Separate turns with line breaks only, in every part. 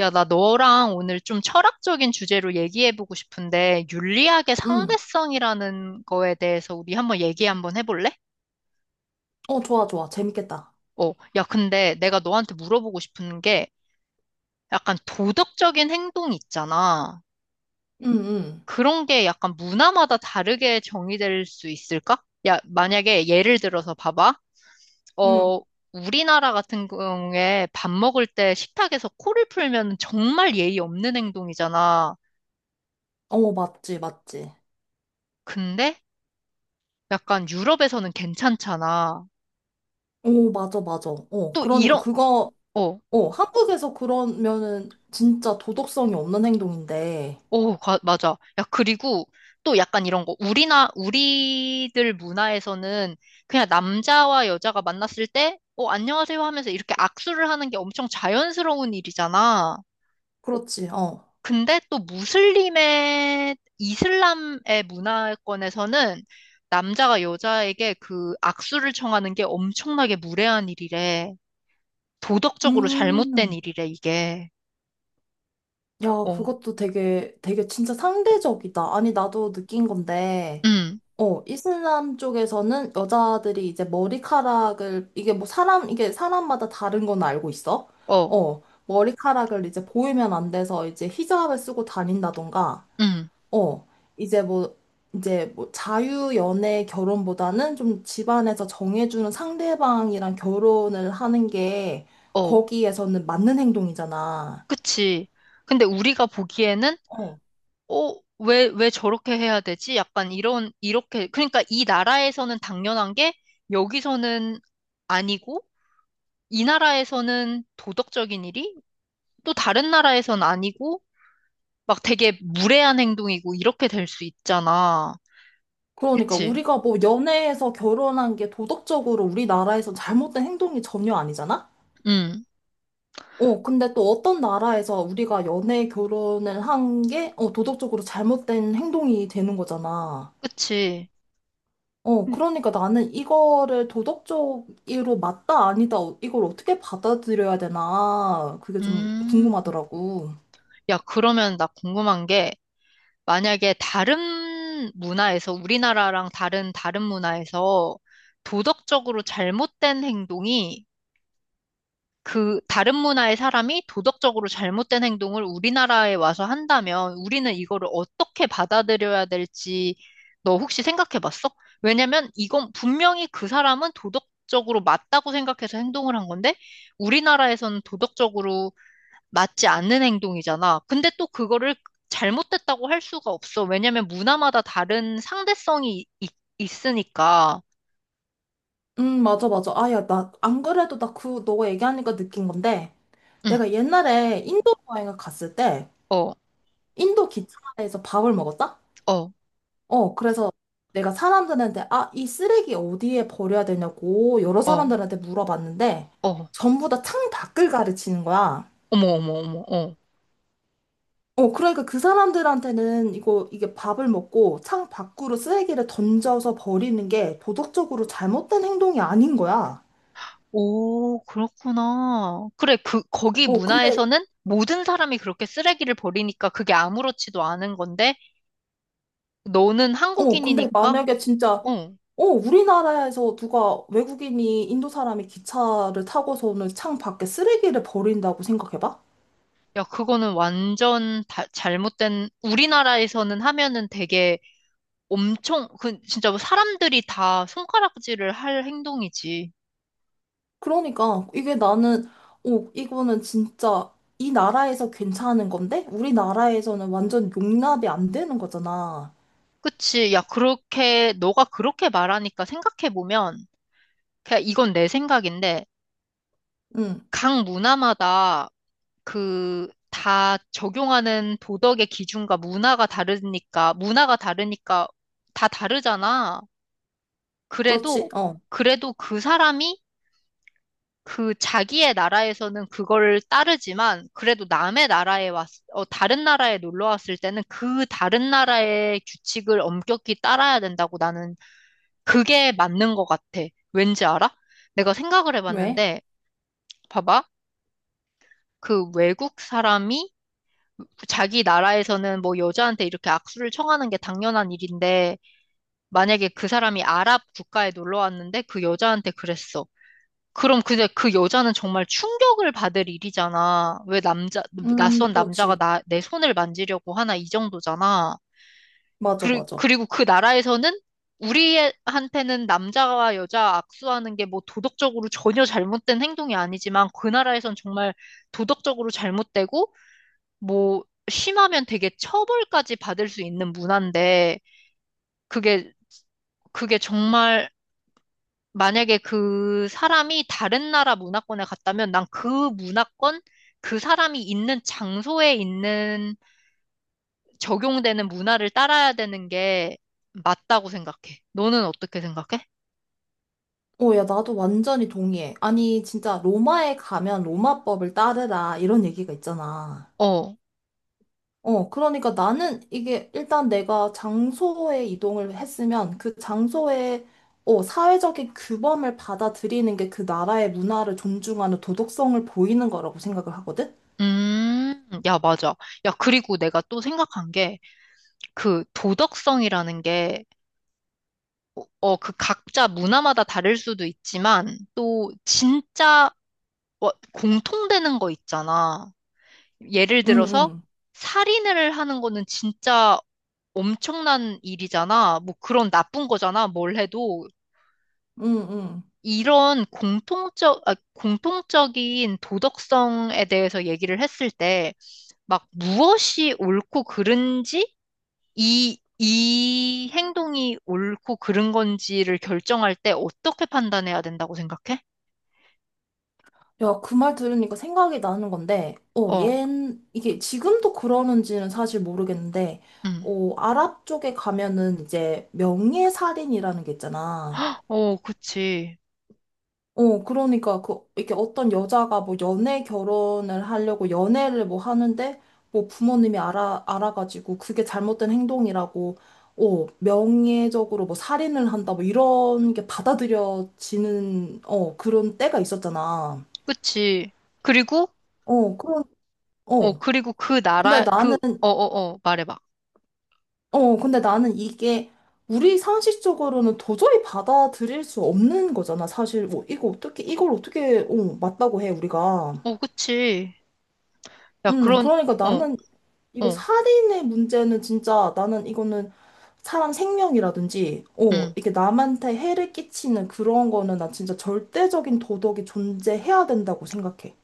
야, 나 너랑 오늘 좀 철학적인 주제로 얘기해보고 싶은데, 윤리학의
응.
상대성이라는 거에 대해서 우리 한번 얘기 한번 해볼래?
좋아, 좋아. 재밌겠다.
야, 근데 내가 너한테 물어보고 싶은 게, 약간 도덕적인 행동 있잖아.
응, 응,
그런 게 약간 문화마다 다르게 정의될 수 있을까? 야, 만약에 예를 들어서 봐봐.
응.
어, 우리나라 같은 경우에 밥 먹을 때 식탁에서 코를 풀면 정말 예의 없는 행동이잖아.
맞지, 맞지.
근데 약간 유럽에서는 괜찮잖아.
오, 맞아, 맞아.
또 이런, 어,
한국에서 그러면은 진짜 도덕성이 없는 행동인데.
맞아. 야, 그리고 또 약간 이런 거. 우리들 문화에서는 그냥 남자와 여자가 만났을 때, 안녕하세요 하면서 이렇게 악수를 하는 게 엄청 자연스러운 일이잖아.
그렇지, 어.
근데 또 이슬람의 문화권에서는 남자가 여자에게 그 악수를 청하는 게 엄청나게 무례한 일이래. 도덕적으로 잘못된
음,
일이래, 이게.
야,
어.
그것도 되게, 되게 진짜 상대적이다. 아니, 나도 느낀 건데.
음.
이슬람 쪽에서는 여자들이 이제 머리카락을, 이게 사람마다 다른 건 알고 있어?
어,
머리카락을 이제 보이면 안 돼서 이제 히잡을 쓰고 다닌다던가,
응,
어, 이제 뭐, 이제 뭐 자유연애 결혼보다는 좀 집안에서 정해주는 상대방이랑 결혼을 하는 게
어,
거기에서는 맞는 행동이잖아.
그치. 근데 우리가 보기에는,
어.
어, 왜 저렇게 해야 되지? 약간 이런, 이렇게. 그러니까 이 나라에서는 당연한 게, 여기서는 아니고, 이 나라에서는 도덕적인 일이, 또 다른 나라에선 아니고, 막 되게 무례한 행동이고, 이렇게 될 수 있잖아.
그러니까
그치?
우리가 뭐 연애에서 결혼한 게 도덕적으로 우리나라에서 잘못된 행동이 전혀 아니잖아?
응,
근데 또 어떤 나라에서 우리가 연애 결혼을 한 게, 도덕적으로 잘못된 행동이 되는 거잖아.
그치.
그러니까 나는 이거를 도덕적으로 맞다, 아니다, 이걸 어떻게 받아들여야 되나, 그게 좀
음,
궁금하더라고.
야, 그러면 나 궁금한 게, 만약에 다른 문화에서, 다른 문화에서 도덕적으로 잘못된 행동이 그 다른 문화의 사람이 도덕적으로 잘못된 행동을 우리나라에 와서 한다면 우리는 이거를 어떻게 받아들여야 될지 너 혹시 생각해 봤어? 왜냐면 이건 분명히 그 사람은 도덕적으로 맞다고 생각해서 행동을 한 건데 우리나라에서는 도덕적으로 맞지 않는 행동이잖아. 근데 또 그거를 잘못됐다고 할 수가 없어. 왜냐면 문화마다 다른 상대성이 있으니까.
맞아, 맞아. 야, 안 그래도 너가 얘기하니까 느낀 건데,
응,
내가 옛날에 인도 여행을 갔을 때,
어,
인도 기차에서 밥을 먹었다?
어,
그래서 내가 사람들한테, 이 쓰레기 어디에 버려야 되냐고 여러
어,
사람들한테 물어봤는데,
어.
전부 다 창 밖을 가르치는 거야.
어머, 어머, 어머, 어.
그러니까 그 사람들한테는 이게 밥을 먹고 창 밖으로 쓰레기를 던져서 버리는 게 도덕적으로 잘못된 행동이 아닌 거야.
오, 그렇구나. 그래, 그, 거기
어, 근데,
문화에서는 모든 사람이 그렇게 쓰레기를 버리니까 그게 아무렇지도 않은 건데, 너는
근데
한국인이니까,
만약에 진짜,
어.
우리나라에서 누가 외국인이 인도 사람이 기차를 타고서는 창 밖에 쓰레기를 버린다고 생각해봐?
야, 그거는 완전 다- 잘못된, 우리나라에서는 하면은 되게 엄청, 그, 진짜 뭐 사람들이 다 손가락질을 할 행동이지.
그러니까 이게 나는 오 이거는 진짜 이 나라에서 괜찮은 건데 우리나라에서는 완전 용납이 안 되는 거잖아.
그치. 야, 그렇게, 너가 그렇게 말하니까 생각해보면, 그냥 이건 내 생각인데,
응,
각 문화마다 그, 다 적용하는 도덕의 기준과 문화가 다르니까 다 다르잖아.
그렇지?
그래도,
어.
그래도 그 사람이 그 자기의 나라에서는 그걸 따르지만 그래도 어, 다른 나라에 놀러 왔을 때는 그 다른 나라의 규칙을 엄격히 따라야 된다고 나는 그게 맞는 것 같아. 왠지 알아? 내가 생각을
왜?
해봤는데, 봐봐. 그 외국 사람이 자기 나라에서는 뭐 여자한테 이렇게 악수를 청하는 게 당연한 일인데, 만약에 그 사람이 아랍 국가에 놀러 왔는데 그 여자한테 그랬어. 그럼 근데 그 여자는 정말 충격을 받을 일이잖아. 낯선
그렇지.
남자가 나, 내 손을 만지려고 하나 이 정도잖아.
맞아, 맞아.
그리고 그 나라에서는 우리한테는 남자와 여자 악수하는 게 뭐 도덕적으로 전혀 잘못된 행동이 아니지만 그 나라에선 정말 도덕적으로 잘못되고 뭐 심하면 되게 처벌까지 받을 수 있는 문화인데 그게, 그게 정말 만약에 그 사람이 다른 나라 문화권에 갔다면 그 사람이 있는 장소에 있는 적용되는 문화를 따라야 되는 게 맞다고 생각해. 너는 어떻게 생각해?
오, 야, 나도 완전히 동의해. 아니, 진짜 로마에 가면 로마법을 따르라 이런 얘기가 있잖아.
어.
그러니까 나는 이게 일단 내가 장소에 이동을 했으면 그 장소에 사회적인 규범을 받아들이는 게 그 나라의 문화를 존중하는 도덕성을 보이는 거라고 생각을 하거든?
야, 맞아. 야, 그리고 내가 또 생각한 게, 그 도덕성이라는 게, 그 각자 문화마다 다를 수도 있지만, 또 진짜 공통되는 거 있잖아. 예를
응,
들어서
응,
살인을 하는 거는 진짜 엄청난 일이잖아. 뭐 그런 나쁜 거잖아. 뭘 해도.
응, 응.
공통적인 도덕성에 대해서 얘기를 했을 때, 막 무엇이 옳고 그른지, 이 행동이 옳고 그른 건지를 결정할 때 어떻게 판단해야 된다고 생각해?
야, 그 말 들으니까 생각이 나는 건데,
어,
이게 지금도 그러는지는 사실 모르겠는데,
음.
아랍 쪽에 가면은 이제 명예살인이라는 게 있잖아.
어, 그치.
이렇게 어떤 여자가 뭐 연애 결혼을 하려고 연애를 뭐 하는데, 뭐 부모님이 알아가지고 그게 잘못된 행동이라고, 명예적으로 뭐 살인을 한다, 뭐 이런 게 받아들여지는, 그런 때가 있었잖아.
그치. 그리고
어, 그런, 어.
그리고 그
근데
나라, 그,
나는,
어, 어, 어, 말해봐.
근데 나는 이게 우리 상식적으로는 도저히 받아들일 수 없는 거잖아, 사실. 뭐, 이걸 어떻게, 맞다고 해, 우리가.
어, 그치. 야, 그런,
그러니까
어,
나는 이거
어,
살인의 문제는 진짜 나는 이거는 사람 생명이라든지,
음,
이게 남한테 해를 끼치는 그런 거는 나 진짜 절대적인 도덕이 존재해야 된다고 생각해.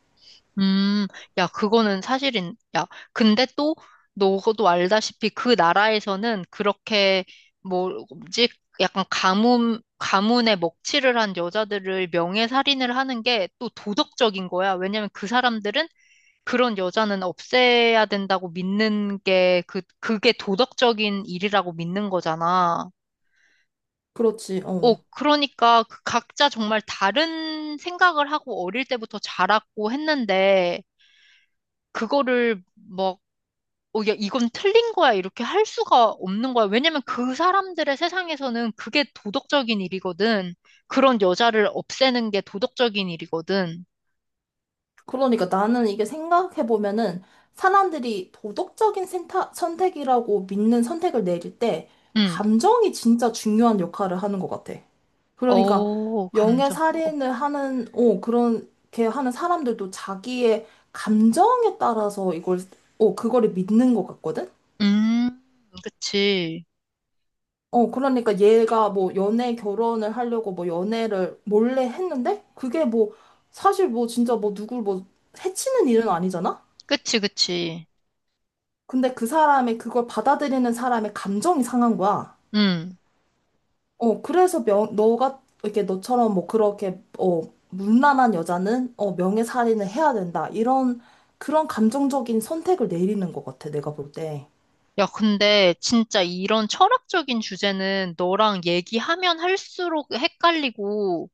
음, 야, 야, 근데 또, 너도 알다시피 그 나라에서는 그렇게, 뭐, 뭐지, 약간 가문에 먹칠을 한 여자들을 명예살인을 하는 게 또 도덕적인 거야. 왜냐면 그 사람들은 그런 여자는 없애야 된다고 믿는 게, 그, 그게 도덕적인 일이라고 믿는 거잖아.
그렇지,
어,
어.
그러니까 그 각자 정말 다른 생각을 하고 어릴 때부터 자랐고 했는데 그거를 뭐 어, 야, 이건 틀린 거야 이렇게 할 수가 없는 거야. 왜냐면 그 사람들의 세상에서는 그게 도덕적인 일이거든. 그런 여자를 없애는 게 도덕적인 일이거든.
그러니까 나는 이게 생각해보면은 사람들이 도덕적인 선택이라고 믿는 선택을 내릴 때
응.
감정이 진짜 중요한 역할을 하는 것 같아. 그러니까
어,
명예
감정. 어.
살인을 하는, 그렇게 하는 사람들도 자기의 감정에 따라서 그거를 믿는 것 같거든?
음, 그치.
그러니까 얘가 뭐 연애 결혼을 하려고 뭐 연애를 몰래 했는데 그게 뭐 사실 뭐 진짜 뭐 누굴 뭐 해치는 일은 아니잖아?
그치, 그치.
근데 그 사람의 그걸 받아들이는 사람의 감정이 상한 거야.
응.
그래서 너가 이렇게 너처럼 뭐 그렇게 문란한 여자는 명예살인을 해야 된다. 이런 그런 감정적인 선택을 내리는 것 같아. 내가 볼 때.
야, 근데 진짜 이런 철학적인 주제는 너랑 얘기하면 할수록 헷갈리고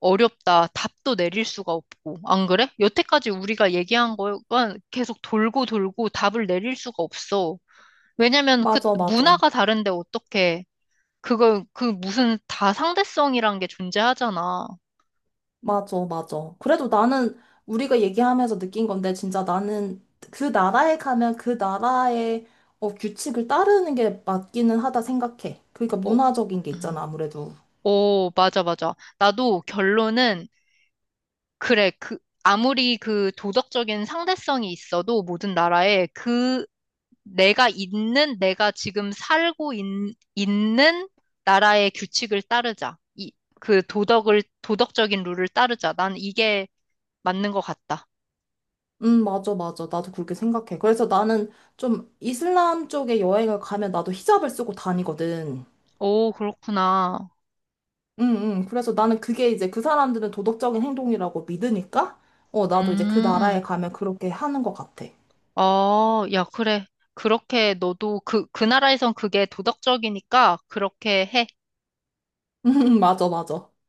어렵다. 답도 내릴 수가 없고. 안 그래? 여태까지 우리가 얘기한 거가 계속 돌고 돌고 답을 내릴 수가 없어. 왜냐면 그
맞아, 맞아.
문화가 다른데 어떻게 그걸 그 무슨 다상대성이란 게 존재하잖아.
맞아, 맞아. 그래도 나는 우리가 얘기하면서 느낀 건데 진짜 나는 그 나라에 가면 그 나라의 규칙을 따르는 게 맞기는 하다 생각해. 그러니까
어,
문화적인 게
음.
있잖아, 아무래도.
오, 맞아, 맞아. 나도 결론은 그래. 그 아무리 그 도덕적인 상대성이 있어도 모든 나라에 그 내가 있는 나라의 규칙을 따르자. 이, 도덕적인 룰을 따르자. 난 이게 맞는 것 같다.
맞아, 맞아. 나도 그렇게 생각해. 그래서 나는 좀 이슬람 쪽에 여행을 가면 나도 히잡을 쓰고 다니거든.
오, 그렇구나.
응, 응. 그래서 나는 그게 이제 그 사람들은 도덕적인 행동이라고 믿으니까, 나도 이제 그 나라에
음,
가면 그렇게 하는 것 같아.
어, 야, 그래. 그렇게 너도 그, 그 나라에선 그게 도덕적이니까 그렇게 해.
맞아, 맞아.